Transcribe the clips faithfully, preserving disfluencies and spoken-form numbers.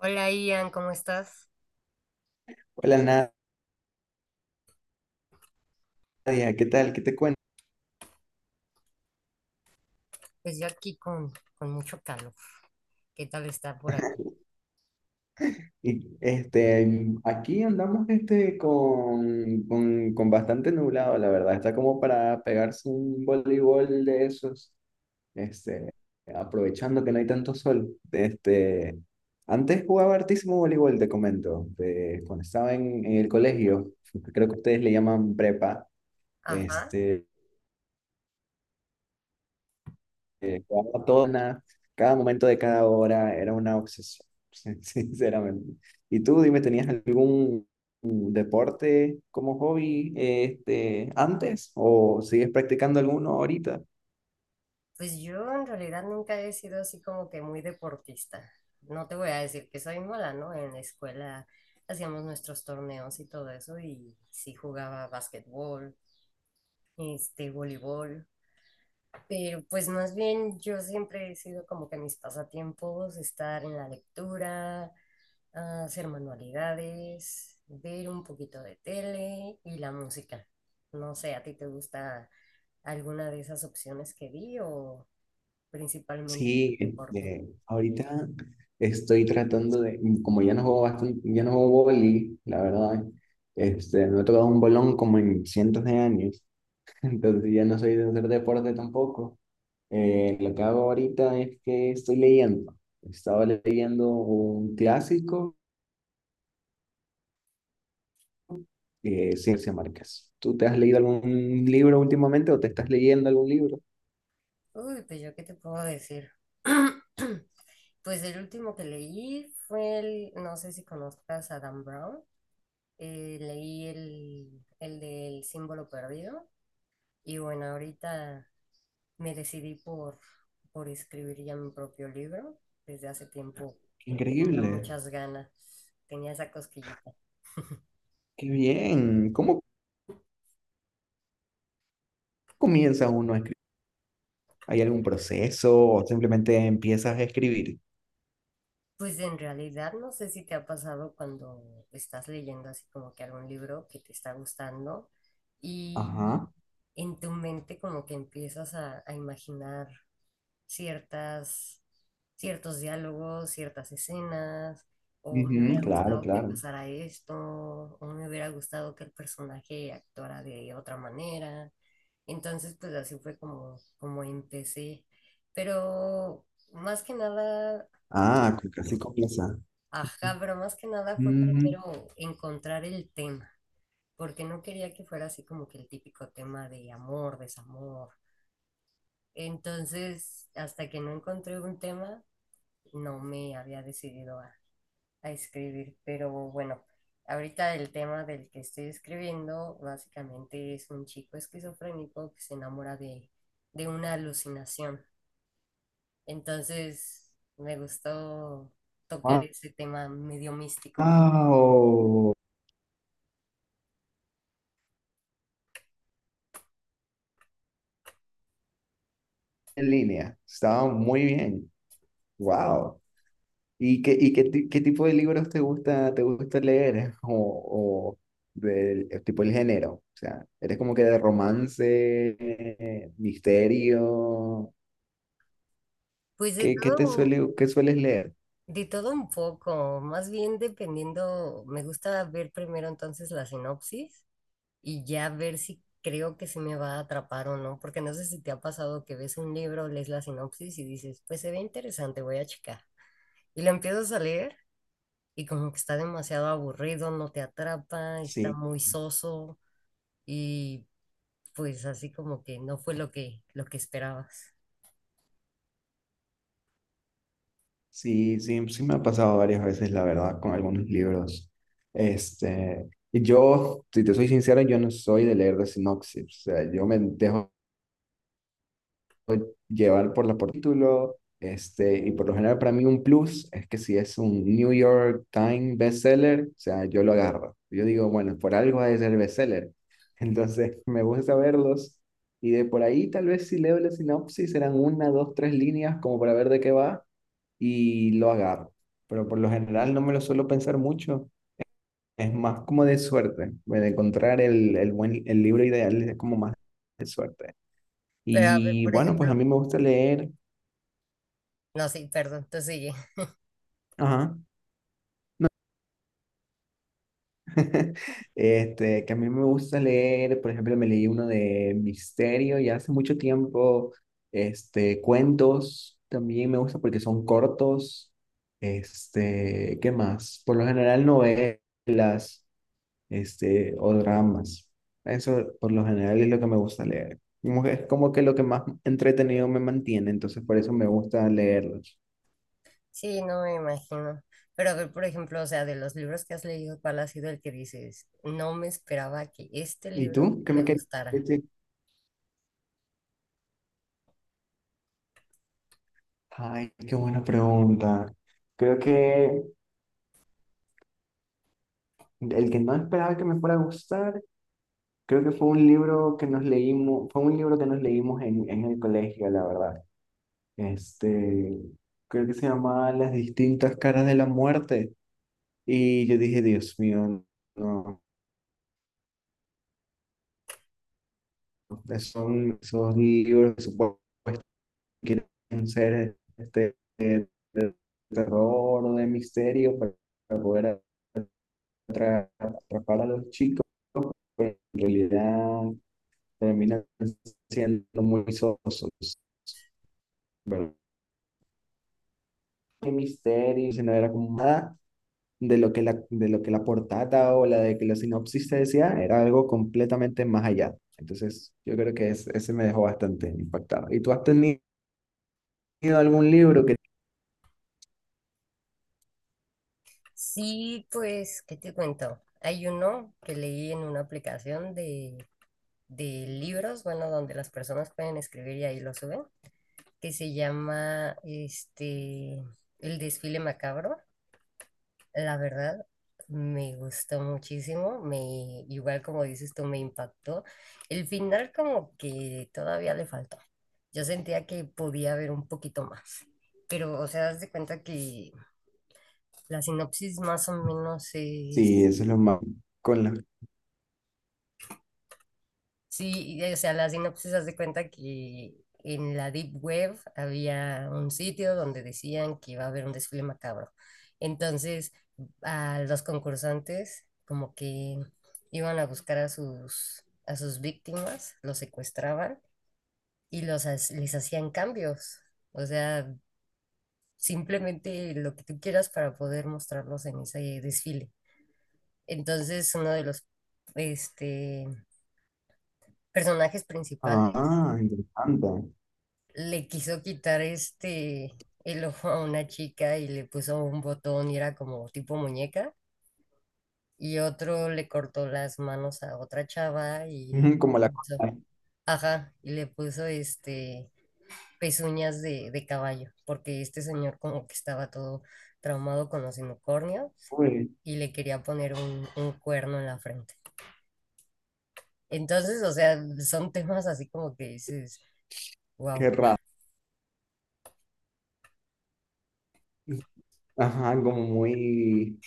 Hola Ian, ¿cómo estás? Hola Nadia, ¿qué tal? ¿Qué te cuento? Pues yo aquí con, con mucho calor. ¿Qué tal está por ahí? Y, este, mm, aquí andamos este, con, con, con bastante nublado, la verdad. Está como para pegarse un voleibol de esos, este, aprovechando que no hay tanto sol. Este, antes jugaba hartísimo voleibol, te comento, de- cuando estaba en, en el colegio, creo que ustedes le llaman prepa. Ajá. Este, eh, cada tona, cada momento de cada hora era una obsesión, sin- sinceramente. Y tú, dime, ¿tenías algún mm, deporte como hobby este, antes o sigues practicando alguno ahorita? Pues yo en realidad nunca he sido así como que muy deportista. No te voy a decir que soy mala, ¿no? En la escuela hacíamos nuestros torneos y todo eso y sí jugaba básquetbol, este, voleibol, pero pues más bien yo siempre he sido como que mis pasatiempos, estar en la lectura, a hacer manualidades, ver un poquito de tele y la música. No sé, ¿a ti te gusta alguna de esas opciones que di o principalmente Sí, deporte? este, ahorita estoy tratando de, mm, como ya no juego bastante, ya no juego vóley, la verdad, este, no he tocado un bolón como en cientos de años. Entonces ya no soy de hacer deporte tampoco. Eh, lo que hago ahorita es que estoy leyendo. Estaba leyendo un clásico de Ciencia Márquez. ¿Tú te has leído algún libro últimamente o te estás leyendo algún libro? Uy, pues yo qué te puedo decir. Pues el último que leí fue el, no sé si conozcas a Dan Brown, eh, leí el, el del símbolo perdido y bueno, ahorita me decidí por, por escribir ya mi propio libro. Desde hace tiempo tenía Increíble, muchas ganas, tenía esa cosquillita. qué bien. ¿Cómo comienza uno a escribir? ¿Hay algún proceso o simplemente empiezas a escribir? Pues en realidad no sé si te ha pasado cuando estás leyendo así como que algún libro que te está gustando y Ajá, en tu mente como que empiezas a, a imaginar ciertas, ciertos diálogos, ciertas escenas, o me ujú, hubiera claro, gustado que claro. pasara esto, o me hubiera gustado que el personaje actuara de otra manera. Entonces, pues así fue como, como empecé. Pero más que nada, Ah, con- así comienza. ajá, pero más que nada fue Ujú. primero encontrar el tema, porque no quería que fuera así como que el típico tema de amor, desamor. Entonces, hasta que no encontré un tema, no me había decidido a, a escribir, pero bueno, ahorita el tema del que estoy escribiendo básicamente es un chico esquizofrénico que se enamora de, de una alucinación. Entonces me gustó tocar ese tema medio místico. Guau, en línea. Estaba muy bien. Wow. ¿Y qué, y qué, ti- qué tipo de libros te gusta, te gusta leer? O, o del el tipo, el género. O sea, ¿eres como que de romance, eh, misterio? Pues de ¿Qué, qué todo te un- suele, qué sueles leer? de todo un poco, más bien dependiendo, me gusta ver primero entonces la sinopsis y ya ver si creo que se me va a atrapar o no, porque no sé si te ha pasado que ves un libro, lees la sinopsis y dices, pues se ve interesante, voy a checar. Y lo empiezas a leer y como que está demasiado aburrido, no te atrapa, está Sí, muy soso y pues así como que no fue lo que, lo que esperabas. sí, sí, sí me ha pasado varias veces, la verdad, con algunos libros. Este, y yo, si te soy sincero, yo no soy de leer de sinopsis. O sea, yo me dejo llevar por la por título, este, y por lo general para mí un plus es que si es un New York Times bestseller, o sea, yo lo agarro. Yo digo, bueno, por algo ha de ser bestseller. Entonces, me gusta verlos y de por ahí tal vez si leo la sinopsis serán una, dos, tres líneas como para ver de qué va y lo agarro. Pero por lo general no me lo suelo pensar mucho. Es más como de suerte, de encontrar el, el, buen, el libro ideal es como más de suerte. Pero a ver, Y por bueno, pues a ejemplo, mí me gusta leer. no, sí, perdón, tú sigue. Ajá. Este, que a mí me gusta leer, por ejemplo, me leí uno de misterio, y hace mucho tiempo, este, cuentos también me gusta porque son cortos. Este, ¿qué más? Por lo general novelas, este, o dramas. Eso por lo general es lo que me gusta leer. Como que- Es como que lo que más entretenido me mantiene, entonces por eso me gusta leerlos. Sí, no me imagino. Pero a ver, por ejemplo, o sea, de los libros que has leído, ¿cuál ha sido el que dices, no me esperaba que este ¿Y libro tú? ¿Qué me me querías gustara? Ay, qué buena pregunta. Creo que el que no esperaba que me fuera a gustar, creo que fue un libro que nos leímos, fue un libro que nos leímos en, en el colegio, la verdad. Este, creo que se llamaba Las distintas caras de la muerte. Y yo dije, Dios mío, no, son esos libros que supongo que quieren ser este, de, de terror o de misterio para para poder atrapa atrapar a los chicos, pero en realidad terminan siendo muy sosos, ¿verdad? El misterio, si no era como nada de lo que la, de lo que la portada o la de que la sinopsis te decía, era algo completamente más allá. Entonces, yo creo que es- ese me dejó bastante impactado. ¿Y tú has tenido algún libro que? Sí, pues, ¿qué te cuento? Hay uno que leí en una aplicación de, de libros, bueno, donde las personas pueden escribir y ahí lo suben, que se llama este, El desfile macabro. La verdad, me gustó muchísimo, me, igual como dices tú, me impactó. El final como que todavía le faltó. Yo sentía que podía haber un poquito más, pero, o sea, das de cuenta que la sinopsis más o menos Sí, es... eso es lo más... Con la... Sí, y, o sea, la sinopsis hace cuenta que en la Deep Web había un sitio donde decían que iba a haber un desfile macabro. Entonces, a los concursantes como que iban a buscar a sus, a sus víctimas, los secuestraban y los, ha- les hacían cambios. O sea, simplemente lo que tú quieras para poder mostrarlos en ese desfile. Entonces, uno de los este, personajes principales Ah, interesante. le quiso quitar este el ojo a una chica y le puso un botón y era como tipo muñeca. Y otro le cortó las manos a otra chava y le Ujú, como la... puso, cosa. ajá, y le puso este pezuñas de, de caballo, porque este señor como que estaba todo traumado con los unicornios Uy, y le quería poner un, un cuerno en la frente. Entonces, o sea, son temas así como que dices, qué wow. raro. Ajá, como muy...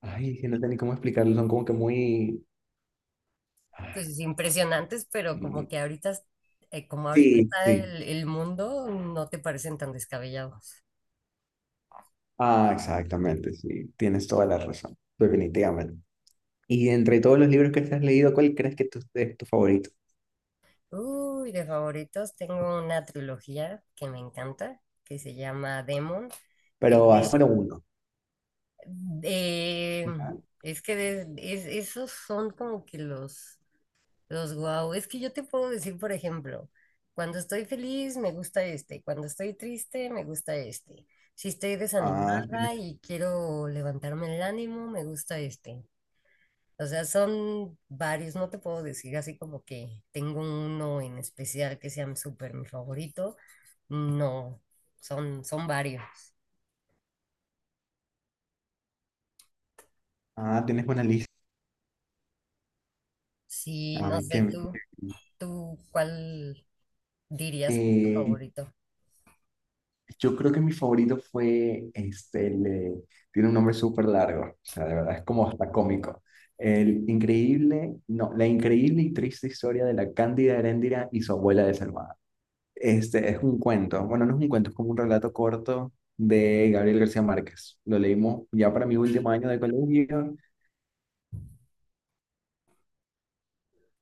Ay, que no sé ni cómo explicarlo, son como que muy... Pues, sí, impresionantes, pero como Mm, que ahorita, eh, como ahorita sí, está sí. el, el mundo, no te parecen tan descabellados. Ah, exactamente, sí. Tienes toda la razón, definitivamente. Y entre todos los libros que te has leído, ¿cuál crees que tu- es tu favorito? Uy, de favoritos tengo una trilogía que me encanta, que se llama Demon. Es Pero ah, solo de- uno. de- es que de- es- esos son como que los... Los wow, es que yo te puedo decir, por ejemplo, cuando estoy feliz me gusta este, cuando estoy triste me gusta este. Si estoy Ah, tienes, desanimada y quiero levantarme el ánimo, me gusta este. O sea, son varios, no te puedo decir así como que tengo uno en especial que sea súper mi favorito. No, son, son varios. ah, tienes una lista. Sí, no Ay, sé, tú, tú, ¿cuál dirías que es tu que, favorito? yo creo que mi favorito fue este, el, eh, tiene un nombre súper largo, o sea, de verdad es como hasta cómico. El increíble, no, la increíble y triste historia de la Cándida Heréndira y su abuela desalmada. Este es un cuento, bueno, no es un cuento, es como un relato corto de Gabriel García Márquez. Lo leímos ya para mi último año de colegio.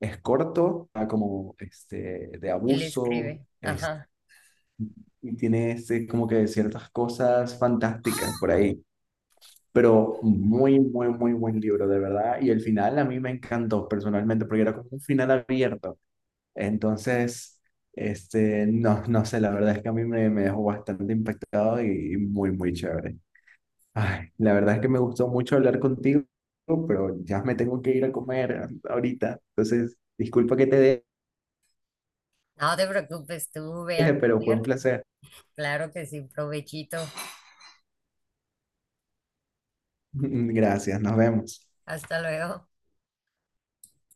Es corto, está como este, de Él abuso, escribe, es- ajá. y tiene este, como que ciertas cosas fantásticas por ahí, pero muy, muy, muy buen libro, de verdad. Y el final a mí me encantó personalmente, porque era como un final abierto. Entonces, este, no, no sé, la verdad es que a mí me, me dejó bastante impactado y muy, muy chévere. Ay, la verdad es que me gustó mucho hablar contigo, pero ya me tengo que ir a comer ahorita. Entonces, disculpa que te No te preocupes, tú ve a deje, pero fue un comer. placer. Claro que sí, provechito. Gracias, nos vemos. Hasta luego.